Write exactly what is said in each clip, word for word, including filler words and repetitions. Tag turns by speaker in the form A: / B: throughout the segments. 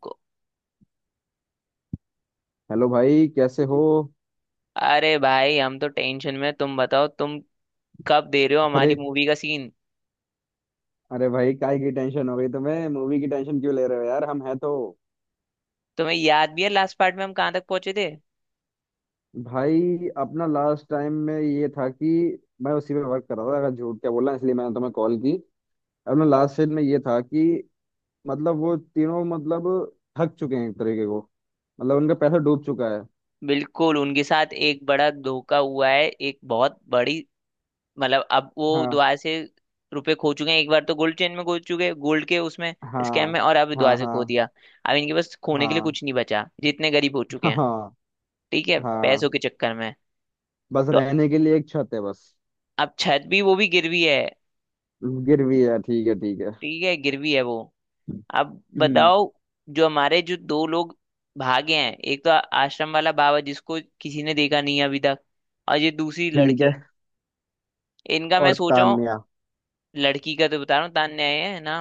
A: को-
B: हेलो भाई, कैसे हो।
A: अरे भाई, हम तो टेंशन में। तुम बताओ, तुम कब दे रहे हो
B: अरे
A: हमारी मूवी का सीन।
B: अरे भाई, काय की टेंशन हो गई तुम्हें? मूवी की टेंशन क्यों ले रहे हो यार, हम हैं तो।
A: तुम्हें याद भी है लास्ट पार्ट में हम कहाँ तक पहुंचे थे।
B: भाई, अपना लास्ट टाइम में ये था कि मैं उसी पे वर्क कर रहा था, अगर झूठ क्या बोला, इसलिए मैंने तुम्हें कॉल की। अपना लास्ट सीन में ये था कि मतलब वो तीनों, मतलब थक चुके हैं एक तरीके को। मतलब उनका पैसा डूब चुका है।
A: बिल्कुल, उनके साथ एक बड़ा धोखा हुआ है, एक बहुत बड़ी, मतलब अब वो
B: हाँ
A: दुआ से रुपए खो चुके हैं। एक बार तो गोल्ड चेन में खो चुके, गोल्ड के उसमें स्कैम
B: हाँ
A: में, और अब दुआ
B: हाँ।
A: से खो
B: हाँ
A: दिया। अब इनके पास खोने के लिए
B: हाँ
A: कुछ नहीं बचा, जितने गरीब हो चुके हैं।
B: हाँ।
A: ठीक है,
B: हाँ।
A: पैसों के चक्कर में।
B: बस
A: तो
B: रहने के लिए एक छत है, बस।
A: अब छत भी, वो भी गिरवी है।
B: गिर भी है, ठीक है, ठीक है।
A: ठीक है, गिरवी है वो। अब
B: हम्म।
A: बताओ, जो हमारे जो दो लोग भागे हैं, एक तो आश्रम वाला बाबा जिसको किसी ने देखा नहीं है अभी तक, और ये दूसरी
B: ठीक है।
A: लड़की। इनका मैं
B: और
A: सोच रहा हूँ।
B: तान्या?
A: लड़की का तो बता रहा हूँ, तान्या है ना।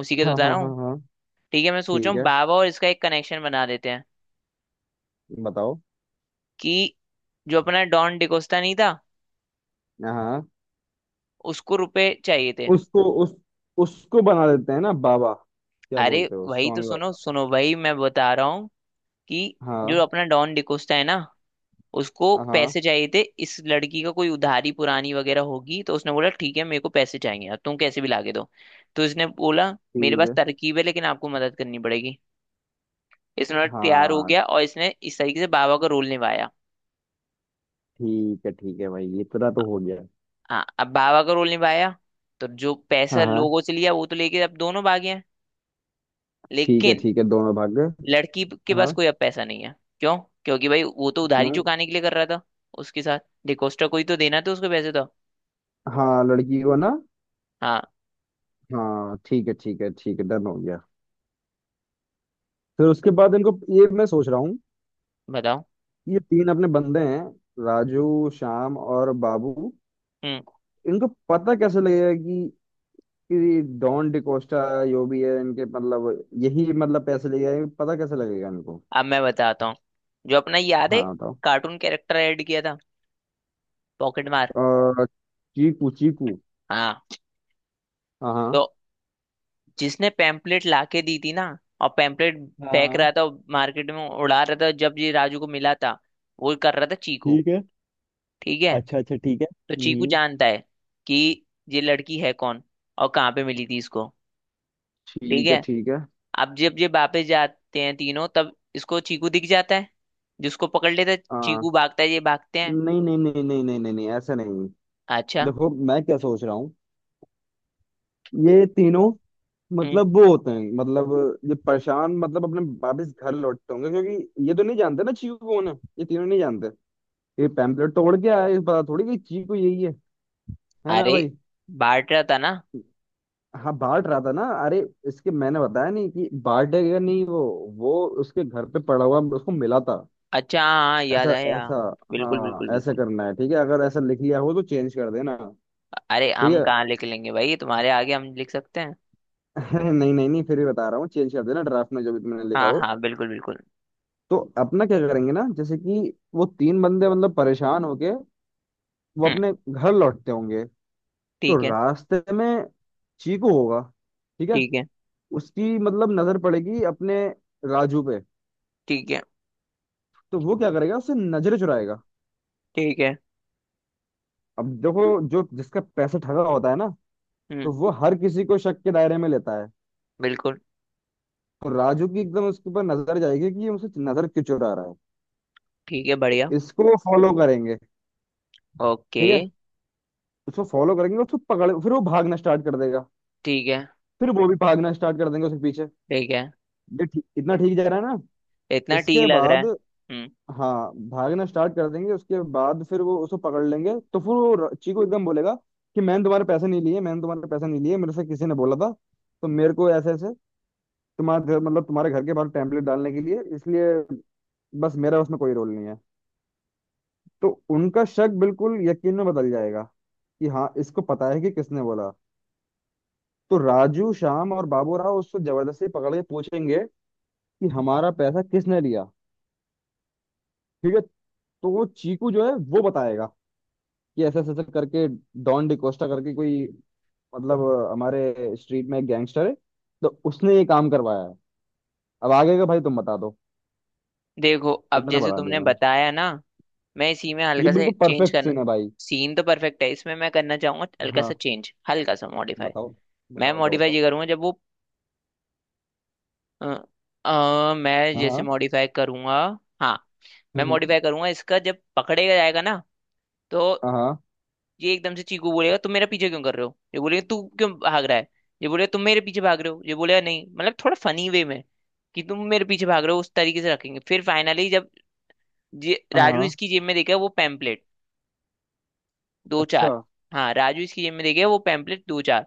A: उसी का तो
B: हाँ
A: बता
B: हाँ
A: रहा हूँ।
B: हाँ हाँ
A: ठीक है, मैं सोच रहा
B: ठीक
A: हूँ
B: है।
A: बाबा और इसका एक कनेक्शन बना देते हैं
B: बताओ।
A: कि जो अपना डॉन डिकोस्टा नहीं था,
B: हाँ।
A: उसको रुपए चाहिए थे।
B: उसको उस उसको बना देते हैं ना, बाबा। क्या
A: अरे,
B: बोलते हो,
A: वही तो,
B: स्वामी
A: सुनो
B: बाबा।
A: सुनो, वही मैं बता रहा हूँ कि जो
B: हाँ।
A: अपना डॉन डिकोस्टा है ना, उसको
B: हाँ
A: पैसे चाहिए थे। इस लड़की का कोई उधारी पुरानी वगैरह होगी, तो उसने बोला ठीक है मेरे को पैसे चाहिए, अब तुम कैसे भी लाके दो। तो इसने बोला, मेरे
B: ठीक
A: पास
B: है
A: तरकीब है लेकिन आपको मदद करनी पड़ेगी। इसने बोला तैयार हो
B: हाँ
A: गया, और इसने इस तरीके से बाबा का रोल निभाया।
B: ठीक है ठीक है, भाई, इतना तो हो गया।
A: हाँ, अब बाबा का रोल निभाया, तो जो पैसा
B: हाँ हाँ
A: लोगों से लिया वो तो लेके अब दोनों भागे हैं।
B: ठीक है,
A: लेकिन
B: ठीक है, दोनों भाग गए।
A: लड़की के पास
B: हाँ।
A: कोई अब पैसा नहीं है। क्यों? क्योंकि भाई वो तो उधारी
B: क्यों?
A: चुकाने के लिए कर रहा था उसके साथ। डिकोस्टा, कोई तो देना था उसको पैसे तो।
B: हाँ, लड़की को ना।
A: हाँ,
B: हाँ, ठीक है, ठीक है, ठीक है, डन हो गया। फिर उसके बाद इनको ये मैं सोच रहा हूँ।
A: बताओ।
B: ये तीन अपने बंदे हैं। राजू, श्याम और बाबू।
A: हम्म।
B: इनको पता कैसे लगेगा कि कि डॉन डिकोस्टा जो भी है इनके, मतलब यही मतलब पैसे ले जाएंगे, पता कैसे लगेगा इनको?
A: अब मैं बताता हूँ, जो अपना याद है,
B: हाँ, बताओ।
A: कार्टून कैरेक्टर ऐड किया था, पॉकेट मार।
B: अ, चीकू, चीकू।
A: हाँ।
B: हाँ
A: तो
B: हाँ
A: जिसने पैम्पलेट लाके दी थी ना, और पैम्पलेट फेंक
B: हाँ।
A: रहा था, मार्केट में उड़ा रहा था, जब ये राजू को मिला था, वो कर रहा था चीकू।
B: ठीक है।
A: ठीक है।
B: अच्छा, अच्छा, ठीक है।
A: तो चीकू
B: हम्म।
A: जानता है कि ये लड़की है कौन और कहाँ पे मिली थी इसको। ठीक
B: ठीक है।
A: है।
B: ठीक है।
A: अब जब ये वापस जाते हैं तीनों, तब इसको चीकू दिख जाता है, जिसको पकड़ लेता है,
B: हाँ।
A: चीकू भागता है, ये भागते हैं।
B: नहीं नहीं नहीं नहीं नहीं नहीं नहीं, ऐसे नहीं।
A: अच्छा।
B: देखो मैं क्या सोच रहा हूँ। ये तीनों,
A: हम्म।
B: मतलब वो होते हैं, मतलब ये परेशान, मतलब अपने वापस घर लौटते होंगे, क्योंकि ये तो नहीं जानते ना चीकू कौन है। ये तीनों नहीं जानते। ये पैम्पलेट तोड़ के आए, पता थोड़ी कि चीकू यही है। है ना
A: अरे,
B: भाई?
A: बांट रहा था ना।
B: हाँ बांट रहा था ना, अरे। इसके मैंने बताया नहीं कि बांटेगा नहीं वो वो उसके घर पे पड़ा हुआ उसको मिला था।
A: अच्छा, हाँ याद
B: ऐसा,
A: आया।
B: ऐसा।
A: बिल्कुल,
B: हाँ,
A: बिल्कुल,
B: ऐसा
A: बिल्कुल।
B: करना है, ठीक है, अगर ऐसा लिख लिया हो तो चेंज कर देना।
A: अरे,
B: ठीक
A: हम
B: है।
A: कहाँ लिख लेंगे भाई, तुम्हारे आगे हम लिख सकते हैं।
B: नहीं नहीं नहीं, फिर भी बता रहा हूँ, चेंज कर देना ड्राफ्ट में जो भी तुमने लिखा
A: हाँ,
B: हो।
A: हाँ, बिल्कुल, बिल्कुल।
B: तो अपना क्या करेंगे ना, जैसे कि वो तीन बंदे मतलब परेशान होके वो
A: हम्म।
B: अपने घर लौटते होंगे। तो
A: ठीक है,
B: रास्ते में चीकू होगा, ठीक है।
A: ठीक है,
B: उसकी मतलब नजर पड़ेगी अपने राजू पे।
A: ठीक है,
B: तो वो क्या करेगा, उससे नजरें चुराएगा।
A: ठीक है।
B: अब देखो, जो जिसका पैसा ठगा होता है ना, तो
A: हम्म।
B: वो हर किसी को शक के दायरे में लेता है।
A: बिल्कुल।
B: तो राजू की एकदम उसके ऊपर नजर जाएगी कि ये मुझसे नजर क्यों चुरा रहा है।
A: ठीक है,
B: तो
A: बढ़िया।
B: इसको वो फॉलो करेंगे।
A: ओके।
B: ठीक है। उसको फॉलो करेंगे, उसको पकड़, फिर वो भागना स्टार्ट कर देगा।
A: ठीक है।
B: फिर वो भी भागना स्टार्ट कर देंगे उसके पीछे।
A: ठीक है,
B: ये ठीक, इतना ठीक जा रहा है ना?
A: इतना ठीक
B: इसके
A: लग रहा
B: बाद
A: है। हम्म।
B: हाँ भागना स्टार्ट कर देंगे, उसके बाद फिर वो उसको पकड़ लेंगे, तो फिर वो र- चीकू एकदम बोलेगा कि मैंने तुम्हारे पैसे नहीं लिए, मैंने तुम्हारे पैसे नहीं लिए, मेरे से किसी ने बोला था, तो मेरे को ऐसे ऐसे तुम्हारे घर- मतलब तुम्हारे घर के बाहर टेम्पलेट डालने के लिए, इसलिए, बस मेरा उसमें कोई रोल नहीं है। तो उनका शक बिल्कुल यकीन में बदल जाएगा कि हाँ इसको पता है कि किसने बोला। तो राजू, श्याम और बाबू राव उसको जबरदस्ती पकड़ के पूछेंगे कि हमारा पैसा किसने लिया। ठीक है। तो वो चीकू जो है वो बताएगा ये ऐसे ऐसे ऐसे करके डॉन डिकोस्टा करके कोई, मतलब हमारे स्ट्रीट में एक गैंगस्टर है, तो उसने ये काम करवाया है। अब आगे का भाई तुम बता दो,
A: देखो, अब
B: इतना
A: जैसे
B: बता दिया
A: तुमने
B: मैंने।
A: बताया ना, मैं इसी में
B: ये
A: हल्का सा
B: बिल्कुल
A: चेंज
B: परफेक्ट
A: करना।
B: सीन है भाई।
A: सीन तो परफेक्ट है, इसमें मैं करना चाहूंगा हल्का सा
B: हाँ,
A: चेंज, हल्का सा मॉडिफाई।
B: बताओ,
A: मैं
B: बताओ बताओ
A: मॉडिफाई
B: बताओ
A: ये करूंगा जब वो, अ, अ, मैं जैसे
B: हाँ।
A: मॉडिफाई करूंगा। हाँ। मैं
B: हम्म।
A: मॉडिफाई करूंगा इसका, जब पकड़ेगा जाएगा ना, तो
B: हाँ। हाँ
A: ये एकदम से चीकू बोलेगा तुम मेरा पीछे क्यों कर रहे हो, ये बोलेगा तू क्यों भाग रहा है, ये बोलेगा तुम मेरे पीछे भाग रहे हो, ये बोलेगा नहीं, मतलब थोड़ा फनी वे में कि तुम मेरे पीछे भाग रहे हो, उस तरीके से रखेंगे। फिर फाइनली जब जे,
B: हाँ, हाँ, हाँ,
A: राजू
B: हाँ,
A: इसकी जेब में देखेगा वो पैम्पलेट दो
B: अच्छा।
A: चार। हाँ, राजू इसकी जेब में देखेगा वो पैम्पलेट दो चार,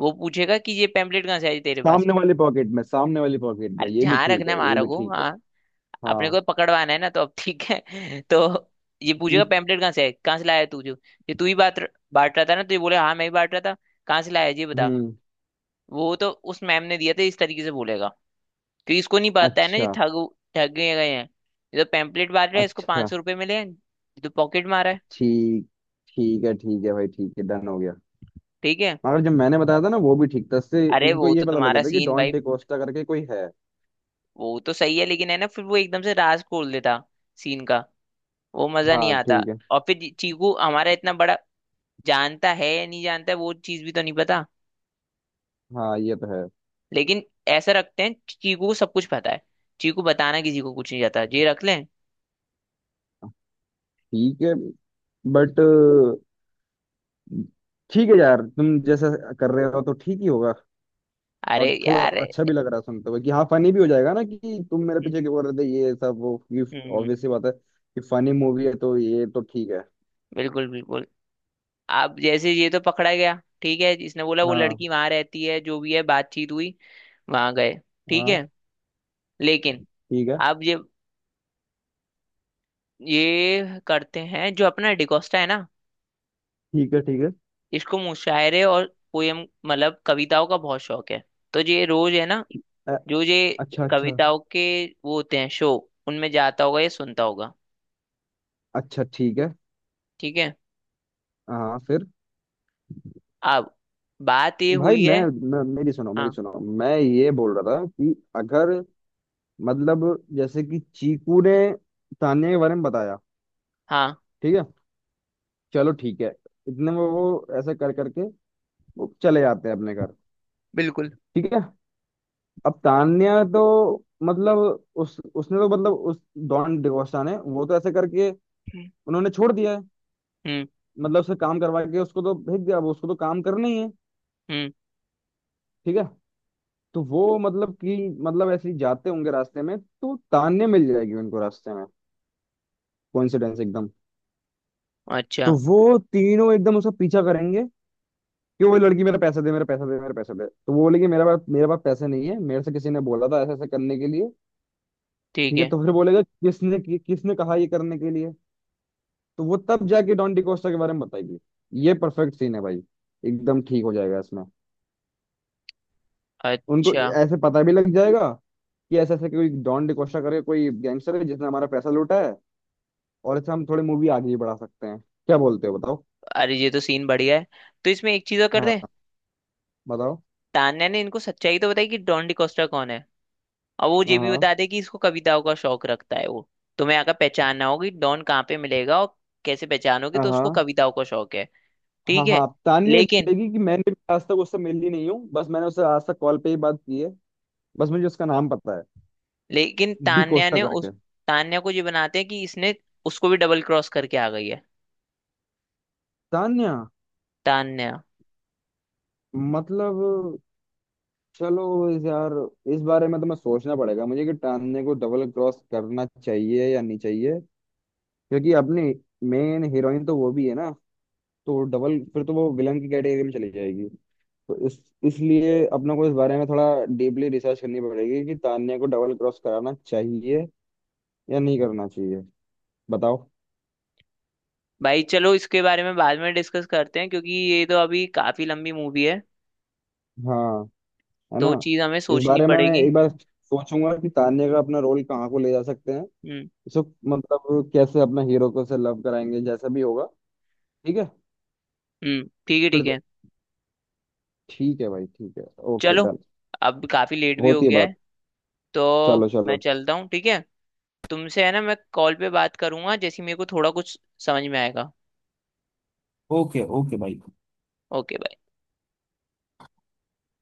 A: वो पूछेगा कि ये पैम्पलेट कहाँ से आई तेरे पास।
B: सामने वाली पॉकेट में, सामने वाली पॉकेट में,
A: अरे,
B: ये भी
A: जहाँ
B: ठीक
A: रखना
B: है,
A: है वहां
B: ये भी
A: रखो,
B: ठीक है।
A: हाँ। अपने
B: हाँ।
A: को पकड़वाना है ना, तो अब ठीक है। तो ये पूछेगा
B: एक।
A: पैम्पलेट कहाँ से है, कहाँ से लाया है तू, जो ये तू ही बात बांट रहा था ना, तो ये बोले हाँ मैं ही बांट रहा था, कहाँ से लाया है जी बता।
B: हम्म।
A: वो तो उस मैम ने दिया था इस तरीके से बोलेगा, क्योंकि इसको नहीं पता है ना, ये
B: अच्छा,
A: ठग ठग गए गए हैं। ये तो पैम्पलेट बांट रहा है, इसको
B: अच्छा।
A: पांच सौ रुपये मिले हैं, ये तो पॉकेट मारा है।
B: ठीक। ठीक है, ठीक है भाई, ठीक है, डन हो गया।
A: ठीक है।
B: मगर जब मैंने बताया था ना वो भी ठीक था, इससे
A: अरे,
B: इनको
A: वो
B: ये
A: तो
B: पता लग
A: तुम्हारा
B: जाता है कि
A: सीन
B: डॉन
A: भाई,
B: डे कोस्टा करके कोई है।
A: वो तो सही है, लेकिन है ना फिर वो एकदम से राज खोल देता, सीन का वो मजा नहीं
B: हाँ,
A: आता।
B: ठीक है।
A: और फिर चीकू हमारा इतना बड़ा, जानता है या नहीं जानता है वो चीज भी तो नहीं पता।
B: हाँ, ये तो है।
A: लेकिन ऐसा रखते हैं चीकू को सब कुछ पता है, चीकू बताना किसी को कुछ नहीं जाता, ये रख लें।
B: ठीक है, बट ठीक है यार, तुम जैसा कर रहे हो तो ठीक ही होगा।
A: अरे
B: और थोड़ा
A: यार।
B: अच्छा भी लग रहा है सुनते हुए कि हाँ फनी भी हो जाएगा ना, कि तुम मेरे
A: हम्म।
B: पीछे क्यों कर रहे थे ये सब वो कि,
A: हम्म।
B: ऑब्वियस सी बात है कि फनी मूवी है तो ये तो ठीक है।
A: बिल्कुल, बिल्कुल। अब जैसे ये तो पकड़ा गया, ठीक है, इसने बोला वो
B: हाँ
A: लड़की वहां रहती है, जो भी है बातचीत हुई, वहां गए। ठीक
B: हाँ
A: है, लेकिन
B: ठीक है,
A: अब ये ये करते हैं, जो अपना डिकोस्टा है ना,
B: ठीक है, ठीक है।
A: इसको मुशायरे और पोयम, मतलब कविताओं का बहुत शौक है। तो ये रोज है ना,
B: अ-
A: जो ये
B: अच्छा, अच्छा
A: कविताओं के वो होते हैं शो, उनमें जाता होगा या सुनता होगा।
B: अच्छा ठीक है।
A: ठीक है,
B: हाँ, फिर
A: अब बात ये
B: भाई,
A: हुई है।
B: मैं, मैं मेरी सुनो, मेरी
A: हाँ,
B: सुनो। मैं ये बोल रहा था कि अगर, मतलब जैसे कि चीकू ने तान्या के बारे में बताया,
A: हाँ,
B: ठीक है, चलो ठीक है, इतने में वो ऐसे कर करके वो चले जाते हैं अपने घर।
A: बिल्कुल।
B: ठीक है। अब तान्या तो मतलब उस उसने तो मतलब उस डॉन डिगोस्टा ने, वो तो ऐसे करके
A: हम्म।
B: उन्होंने छोड़ दिया है,
A: हम्म।
B: मतलब उससे काम करवा के उसको तो भेज दिया, अब उसको तो काम करना ही है।
A: हम्म।
B: ठीक है। तो वो मतलब कि, मतलब ऐसे ही जाते होंगे रास्ते में, तो तान्या मिल जाएगी उनको रास्ते में, कोइंसिडेंस एकदम। तो
A: अच्छा।
B: वो तीनों एकदम उसका पीछा करेंगे कि वो लड़की, मेरा पैसा दे, मेरा पैसा दे, मेरा पैसा दे। तो वो बोलेगी मेरा पास, मेरे पास पैसे नहीं है, मेरे से किसी ने बोला था ऐसा ऐसा करने के लिए।
A: ठीक
B: ठीक है।
A: है।
B: तो फिर बोलेगा किसने कि, किसने कहा ये करने के लिए। तो वो तब जाके डॉन डिकोस्टा के बारे में बताएगी। ये परफेक्ट सीन है भाई, एकदम ठीक हो जाएगा इसमें। उनको
A: अच्छा।
B: ऐसे पता भी लग जाएगा कि ऐसे ऐसे कोई डॉन डिकोस्टा करके कोई गैंगस्टर है जिसने हमारा पैसा लूटा है। और इससे हम थोड़ी मूवी आगे भी बढ़ा सकते हैं। क्या बोलते हो, बताओ।
A: अरे, ये तो सीन बढ़िया है, तो इसमें एक चीज और कर
B: हाँ,
A: दे।
B: बताओ।
A: तान्या ने इनको सच्चाई तो बताई कि डॉन डिकोस्टा कौन है, और वो ये भी बता
B: हाँ।
A: दे कि इसको कविताओं का शौक रखता है वो। तुम्हें आकर पहचानना होगी डॉन कहाँ पे मिलेगा, और कैसे पहचानोगी,
B: हाँ
A: तो उसको
B: हाँ।
A: कविताओं का शौक है।
B: हाँ
A: ठीक है।
B: हाँ तान्या ये
A: लेकिन
B: बोलेगी कि मैंने भी आज तक उससे मिली नहीं हूँ, बस मैंने उससे आज तक कॉल पे ही बात की है, बस मुझे उसका नाम पता है,
A: लेकिन
B: डी
A: तान्या
B: कोस्टा
A: ने उस
B: करके।
A: तान्या को ये बनाते हैं कि इसने उसको भी डबल क्रॉस करके आ गई है।
B: तान्या,
A: तान्या।
B: मतलब चलो इस यार, इस बारे में तो मैं सोचना पड़ेगा मुझे कि तान्या को डबल क्रॉस करना चाहिए या नहीं चाहिए। क्योंकि अपनी मेन हीरोइन तो वो भी है ना, तो डबल फिर तो वो विलन की कैटेगरी में चली जाएगी। तो इस, इसलिए अपने को इस बारे में थोड़ा डीपली रिसर्च करनी पड़ेगी कि तान्या को डबल क्रॉस कराना चाहिए या नहीं करना चाहिए। बताओ।
A: भाई चलो, इसके बारे में बाद में डिस्कस करते हैं, क्योंकि ये तो अभी काफी लंबी मूवी है,
B: हाँ, है ना।
A: तो चीज हमें
B: इस
A: सोचनी
B: बारे में मैं
A: पड़ेगी।
B: एक बार सोचूंगा कि तान्या का अपना रोल कहाँ को ले जा सकते हैं,
A: हम्म।
B: इसको, मतलब कैसे अपना हीरो को से लव कराएंगे जैसा भी होगा। ठीक है।
A: हम्म। ठीक है,
B: फिर
A: ठीक
B: देख,
A: है।
B: ठीक है भाई, ठीक है, ओके
A: चलो,
B: डन।
A: अब काफी लेट भी हो
B: होती है
A: गया
B: बात।
A: है, तो
B: चलो
A: मैं
B: चलो।
A: चलता हूँ, ठीक है। तुमसे है ना, मैं कॉल पे बात करूंगा जैसे ही मेरे को थोड़ा कुछ समझ में आएगा।
B: ओके, ओके भाई।
A: ओके।